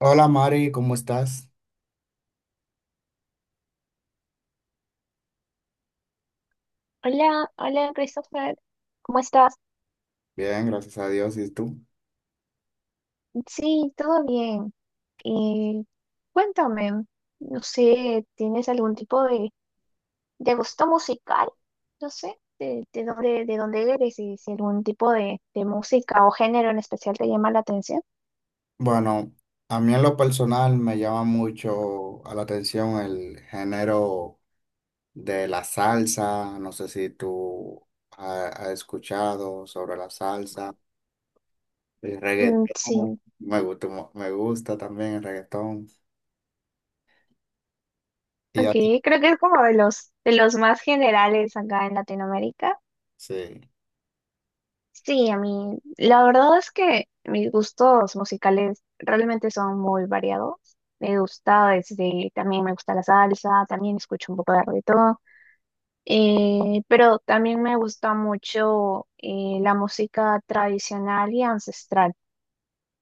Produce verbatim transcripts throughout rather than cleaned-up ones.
Hola Mari, ¿cómo estás? Hola, hola Christopher, ¿cómo estás? Bien, gracias a Dios. ¿Y tú? Sí, todo bien. Eh, Cuéntame, no sé, ¿tienes algún tipo de, de gusto musical? No sé, de, de dónde, de dónde eres y si algún tipo de, de música o género en especial te llama la atención. Bueno, a mí en lo personal me llama mucho a la atención el género de la salsa. No sé si tú ha- has escuchado sobre la salsa, el Mm, reggaetón. sí, Me gusta, mu- me gusta también el reggaetón. ¿Y a ok, ti? creo que es como de los, de los más generales acá en Latinoamérica. Sí. Sí, a mí, la verdad es que mis gustos musicales realmente son muy variados. Me gusta desde, también me gusta la salsa, también escucho un poco de reggaetón, eh, pero también me gusta mucho eh, la música tradicional y ancestral.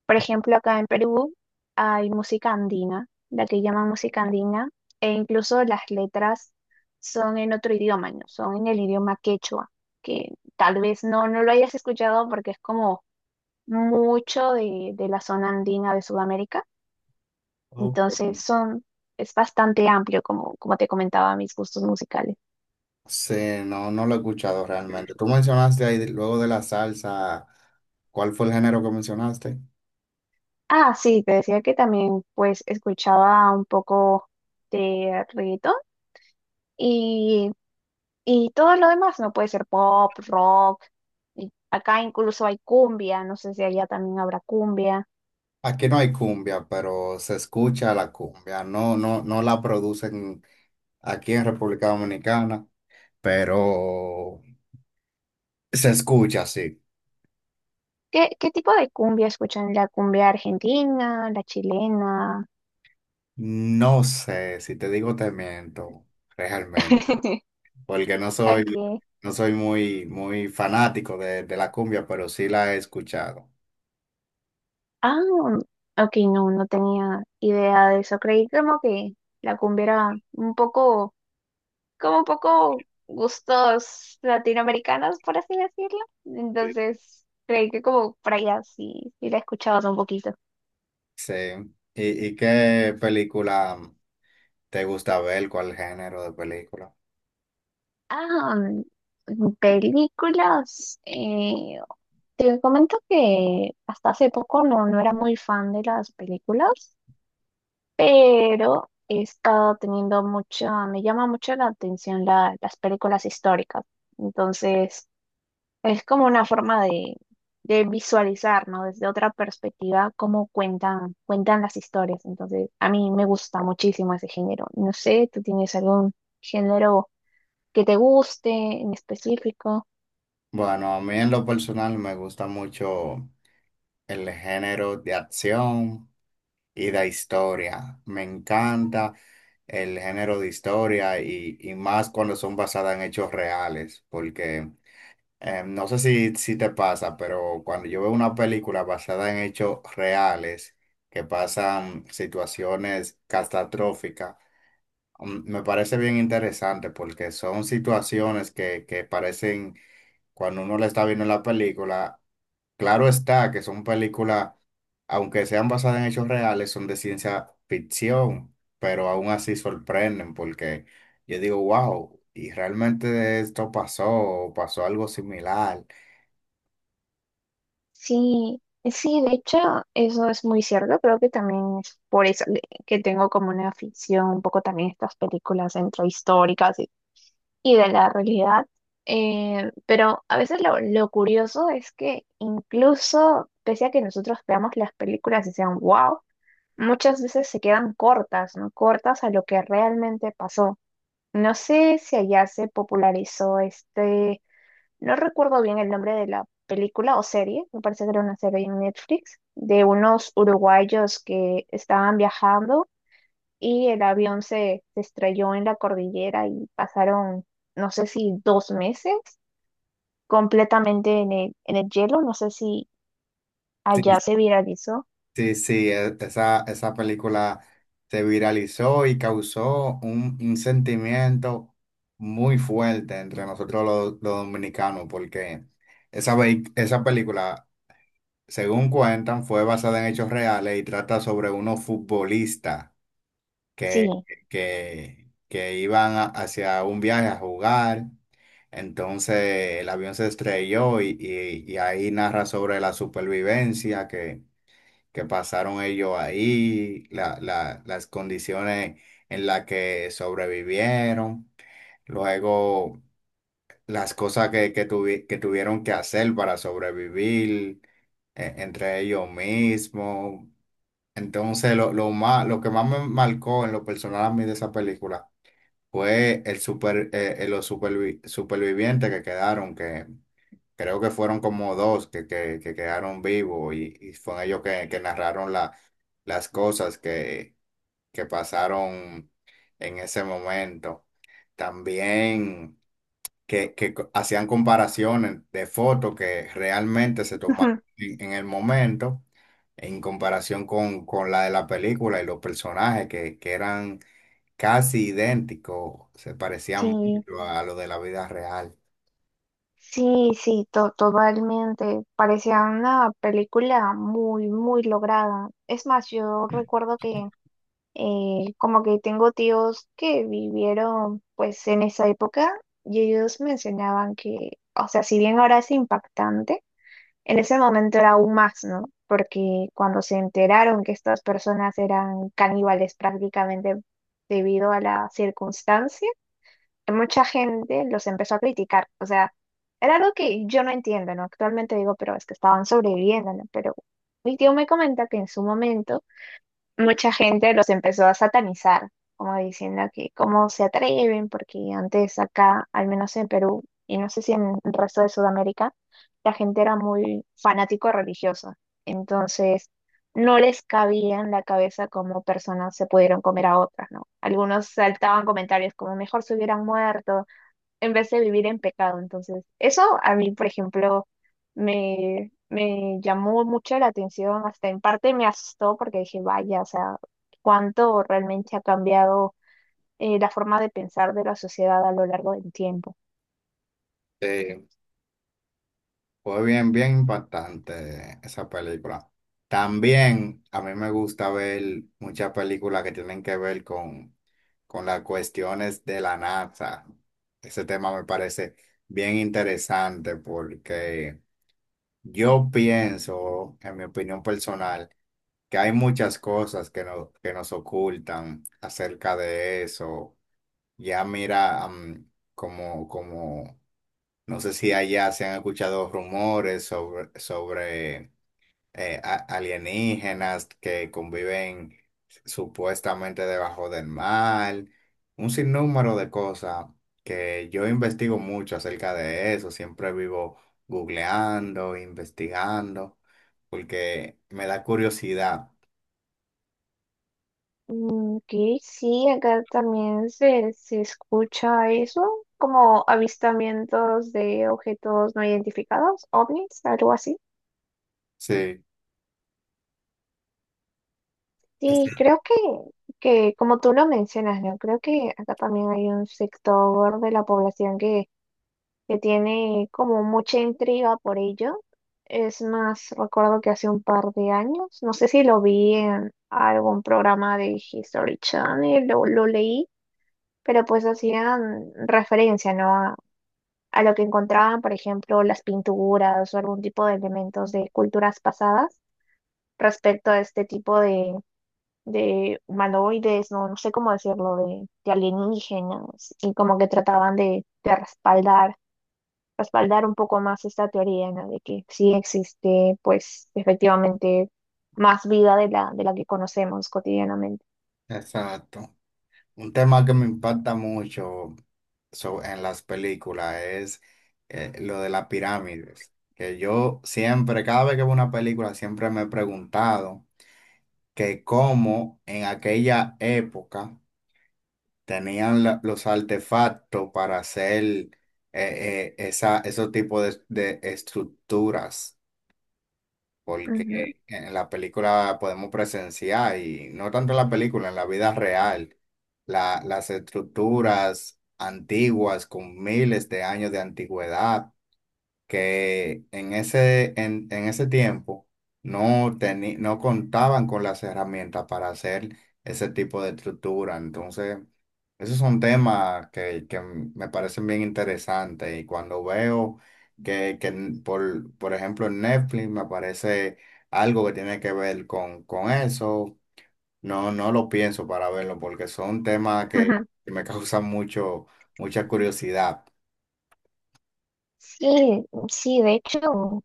Por ejemplo, acá en Perú hay música andina, la que llaman música andina, e incluso las letras son en otro idioma, ¿no? Son en el idioma quechua, que tal vez no, no lo hayas escuchado porque es como mucho de, de la zona andina de Sudamérica. Ok. Entonces son, es bastante amplio, como, como te comentaba, mis gustos musicales. Sí, no, no lo he escuchado realmente. Tú mencionaste ahí luego de la salsa, ¿cuál fue el género que mencionaste? Ah, sí, te decía que también pues escuchaba un poco de reggaetón y, y todo lo demás, ¿no? Puede ser pop, rock, y acá incluso hay cumbia, no sé si allá también habrá cumbia. Aquí no hay cumbia, pero se escucha la cumbia. No, no, no la producen aquí en República Dominicana, pero se escucha, sí. ¿Qué, qué tipo de cumbia escuchan? ¿La cumbia argentina, la chilena? No sé, si te digo te miento, realmente, porque no ¿A soy, no soy muy, muy fanático de, de la cumbia, pero sí la he escuchado. Ah, ok, no, no tenía idea de eso. Creí como que la cumbia era un poco, como un poco gustos latinoamericanos, por así decirlo. Entonces, creí que como por allá sí, sí la escuchabas un poquito. Sí. ¿Y, y qué película te gusta ver? ¿Cuál género de película? Ah, mm, películas. Eh, te comento que hasta hace poco no, no era muy fan de las películas. Pero he estado teniendo mucha, me llama mucho la atención la- las películas históricas. Entonces, es como una forma de, de visualizar, ¿no? Desde otra perspectiva, cómo cuentan, cuentan las historias. Entonces, a mí me gusta muchísimo ese género. No sé, ¿tú tienes algún género que te guste en específico? Bueno, a mí en lo personal me gusta mucho el género de acción y de historia. Me encanta el género de historia y, y más cuando son basadas en hechos reales, porque eh, no sé si, si te pasa, pero cuando yo veo una película basada en hechos reales, que pasan situaciones catastróficas, mm, me parece bien interesante porque son situaciones que, que parecen, cuando uno la está viendo en la película, claro está que son películas, aunque sean basadas en hechos reales, son de ciencia ficción, pero aún así sorprenden porque yo digo, wow, y realmente esto pasó, o pasó algo similar. Sí, sí, de hecho, eso es muy cierto. Creo que también es por eso que que tengo como una afición un poco también a estas películas entre históricas y, y de la realidad. Eh, pero a veces lo, lo curioso es que incluso pese a que nosotros veamos las películas y sean wow, muchas veces se quedan cortas, ¿no? Cortas a lo que realmente pasó. No sé si allá se popularizó este, no recuerdo bien el nombre de la película o serie, me parece que era una serie en Netflix, de unos uruguayos que estaban viajando y el avión se, se estrelló en la cordillera y pasaron, no sé si dos meses completamente en el, en el, hielo, no sé si allá Sí. se viralizó. Sí, sí, e- esa, esa película se viralizó y causó un, un sentimiento muy fuerte entre nosotros los, los dominicanos porque esa, vei- esa película, según cuentan, fue basada en hechos reales y trata sobre unos futbolistas Sí, que, que, que iban a- hacia un viaje a jugar. Entonces el avión se estrelló y, y- y ahí narra sobre la supervivencia que, que pasaron ellos ahí, la- la- las condiciones en las que sobrevivieron, luego las cosas que, que tuvi- que tuvieron que hacer para sobrevivir e- entre ellos mismos. Entonces, lo, lo más, lo que más me marcó en lo personal a mí de esa película fue el super, eh, eh, los supervi- supervivientes que quedaron, que creo que fueron como dos que, que, que quedaron vivos y, y fueron ellos que, que narraron la, las cosas que, que pasaron en ese momento. También que, que co- hacían comparaciones de fotos que realmente se tomaron en, en el momento, en comparación con, con la de la película y los personajes que, que eran casi idénticos, se parecían sí, mucho a lo de la vida real. sí, sí, to- totalmente. Parecía una película muy, muy lograda. Es más, yo recuerdo que Eh, como que tengo tíos que vivieron pues en esa época y ellos mencionaban que, o sea, si bien ahora es impactante, en ese momento era aún más, ¿no? Porque cuando se enteraron que estas personas eran caníbales prácticamente debido a la circunstancia, mucha gente los empezó a criticar. O sea, era algo que yo no entiendo, ¿no? Actualmente digo, pero es que estaban sobreviviendo, ¿no? Pero mi tío me comenta que en su momento mucha gente los empezó a satanizar, como diciendo que cómo se atreven, porque antes acá, al menos en Perú, y no sé si en el resto de Sudamérica, la gente era muy fanático religiosa. Entonces, no les cabía en la cabeza cómo personas se pudieron comer a otras, ¿no? Algunos saltaban comentarios como mejor se hubieran muerto, en vez de vivir en pecado. Entonces, eso a mí, por ejemplo, me, me llamó mucho la atención, hasta en parte me asustó porque dije, vaya, o sea, cuánto realmente ha cambiado eh, la forma de pensar de la sociedad a lo largo del tiempo. Sí. Fue bien, bien impactante esa película. También a mí me gusta ver muchas películas que tienen que ver con, con las cuestiones de la N A S A. Ese tema me parece bien interesante porque yo pienso, en mi opinión personal, que hay muchas cosas que, no- que nos ocultan acerca de eso. Ya mira, am, como, como no sé si allá se han escuchado rumores sobre, sobre eh, a- alienígenas que conviven supuestamente debajo del mar, un sinnúmero de cosas que yo investigo mucho acerca de eso, siempre vivo googleando, investigando, porque me da curiosidad. Mm, ok, sí, acá también se, se escucha eso, como avistamientos de objetos no identificados, ovnis, algo así. Sí, Sí, creo que, que, como tú lo mencionas, ¿no? Creo que acá también hay un sector de la población que, que tiene como mucha intriga por ello. Es más, recuerdo que hace un par de años, no sé si lo vi en algún programa de History Channel, lo, lo leí, pero pues hacían referencia, ¿no? A, a lo que encontraban, por ejemplo, las pinturas o algún tipo de elementos de culturas pasadas respecto a este tipo de humanoides, no, no sé cómo decirlo, de, de alienígenas, y como que trataban de, de respaldar, respaldar un poco más esta teoría, ¿no? De que sí existe, pues, efectivamente, más vida de la, de la que conocemos cotidianamente. exacto. Un tema que me impacta mucho so- en las películas es eh, lo de las pirámides, que yo siempre, cada vez que veo una película, siempre me he preguntado que cómo en aquella época tenían la- los artefactos para hacer eh, eh, esa, esos tipos de, de estructuras, Ujú. porque en la película podemos presenciar, y no tanto en la película, en la vida real, la- las estructuras antiguas con miles de años de antigüedad que en ese, en, en ese tiempo no, teni- no contaban con las herramientas para hacer ese tipo de estructura. Entonces, esos son temas que, que me parecen bien interesantes y cuando veo que, que en- por, por ejemplo, en Netflix me aparece algo que tiene que ver con, con eso, no, no lo pienso para verlo porque son temas que, que me causan mucho, mucha curiosidad. Sí, sí, de hecho,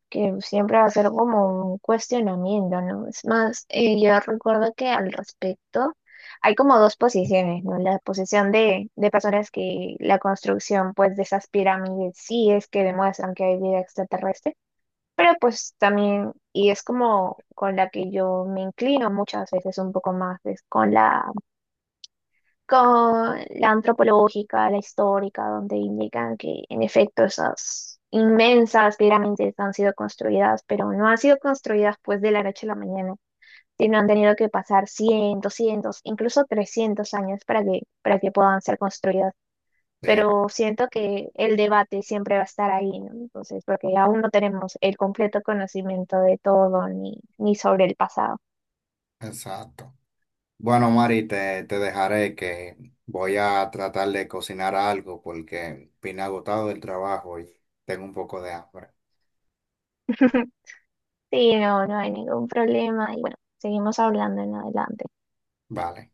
que siempre va a ser como un cuestionamiento, ¿no? Es más, eh, yo recuerdo que al respecto hay como dos posiciones, ¿no? La posición de, de, personas que la construcción, pues, de esas pirámides sí es que demuestran que hay vida extraterrestre, pero pues también, y es como con la que yo me inclino muchas veces un poco más, es con la con la antropológica, la histórica, donde indican que en efecto esas inmensas pirámides han sido construidas, pero no han sido construidas pues de la noche a la mañana, sino han tenido que pasar cientos, cientos, incluso trescientos años para que, para que, puedan ser construidas. Sí, Pero siento que el debate siempre va a estar ahí, ¿no? Entonces, porque aún no tenemos el completo conocimiento de todo ni, ni, sobre el pasado. exacto. Bueno, Mari, te, te dejaré que voy a tratar de cocinar algo porque vine agotado del trabajo y tengo un poco de hambre. Sí, no, no hay ningún problema. Y bueno, seguimos hablando en adelante. Vale.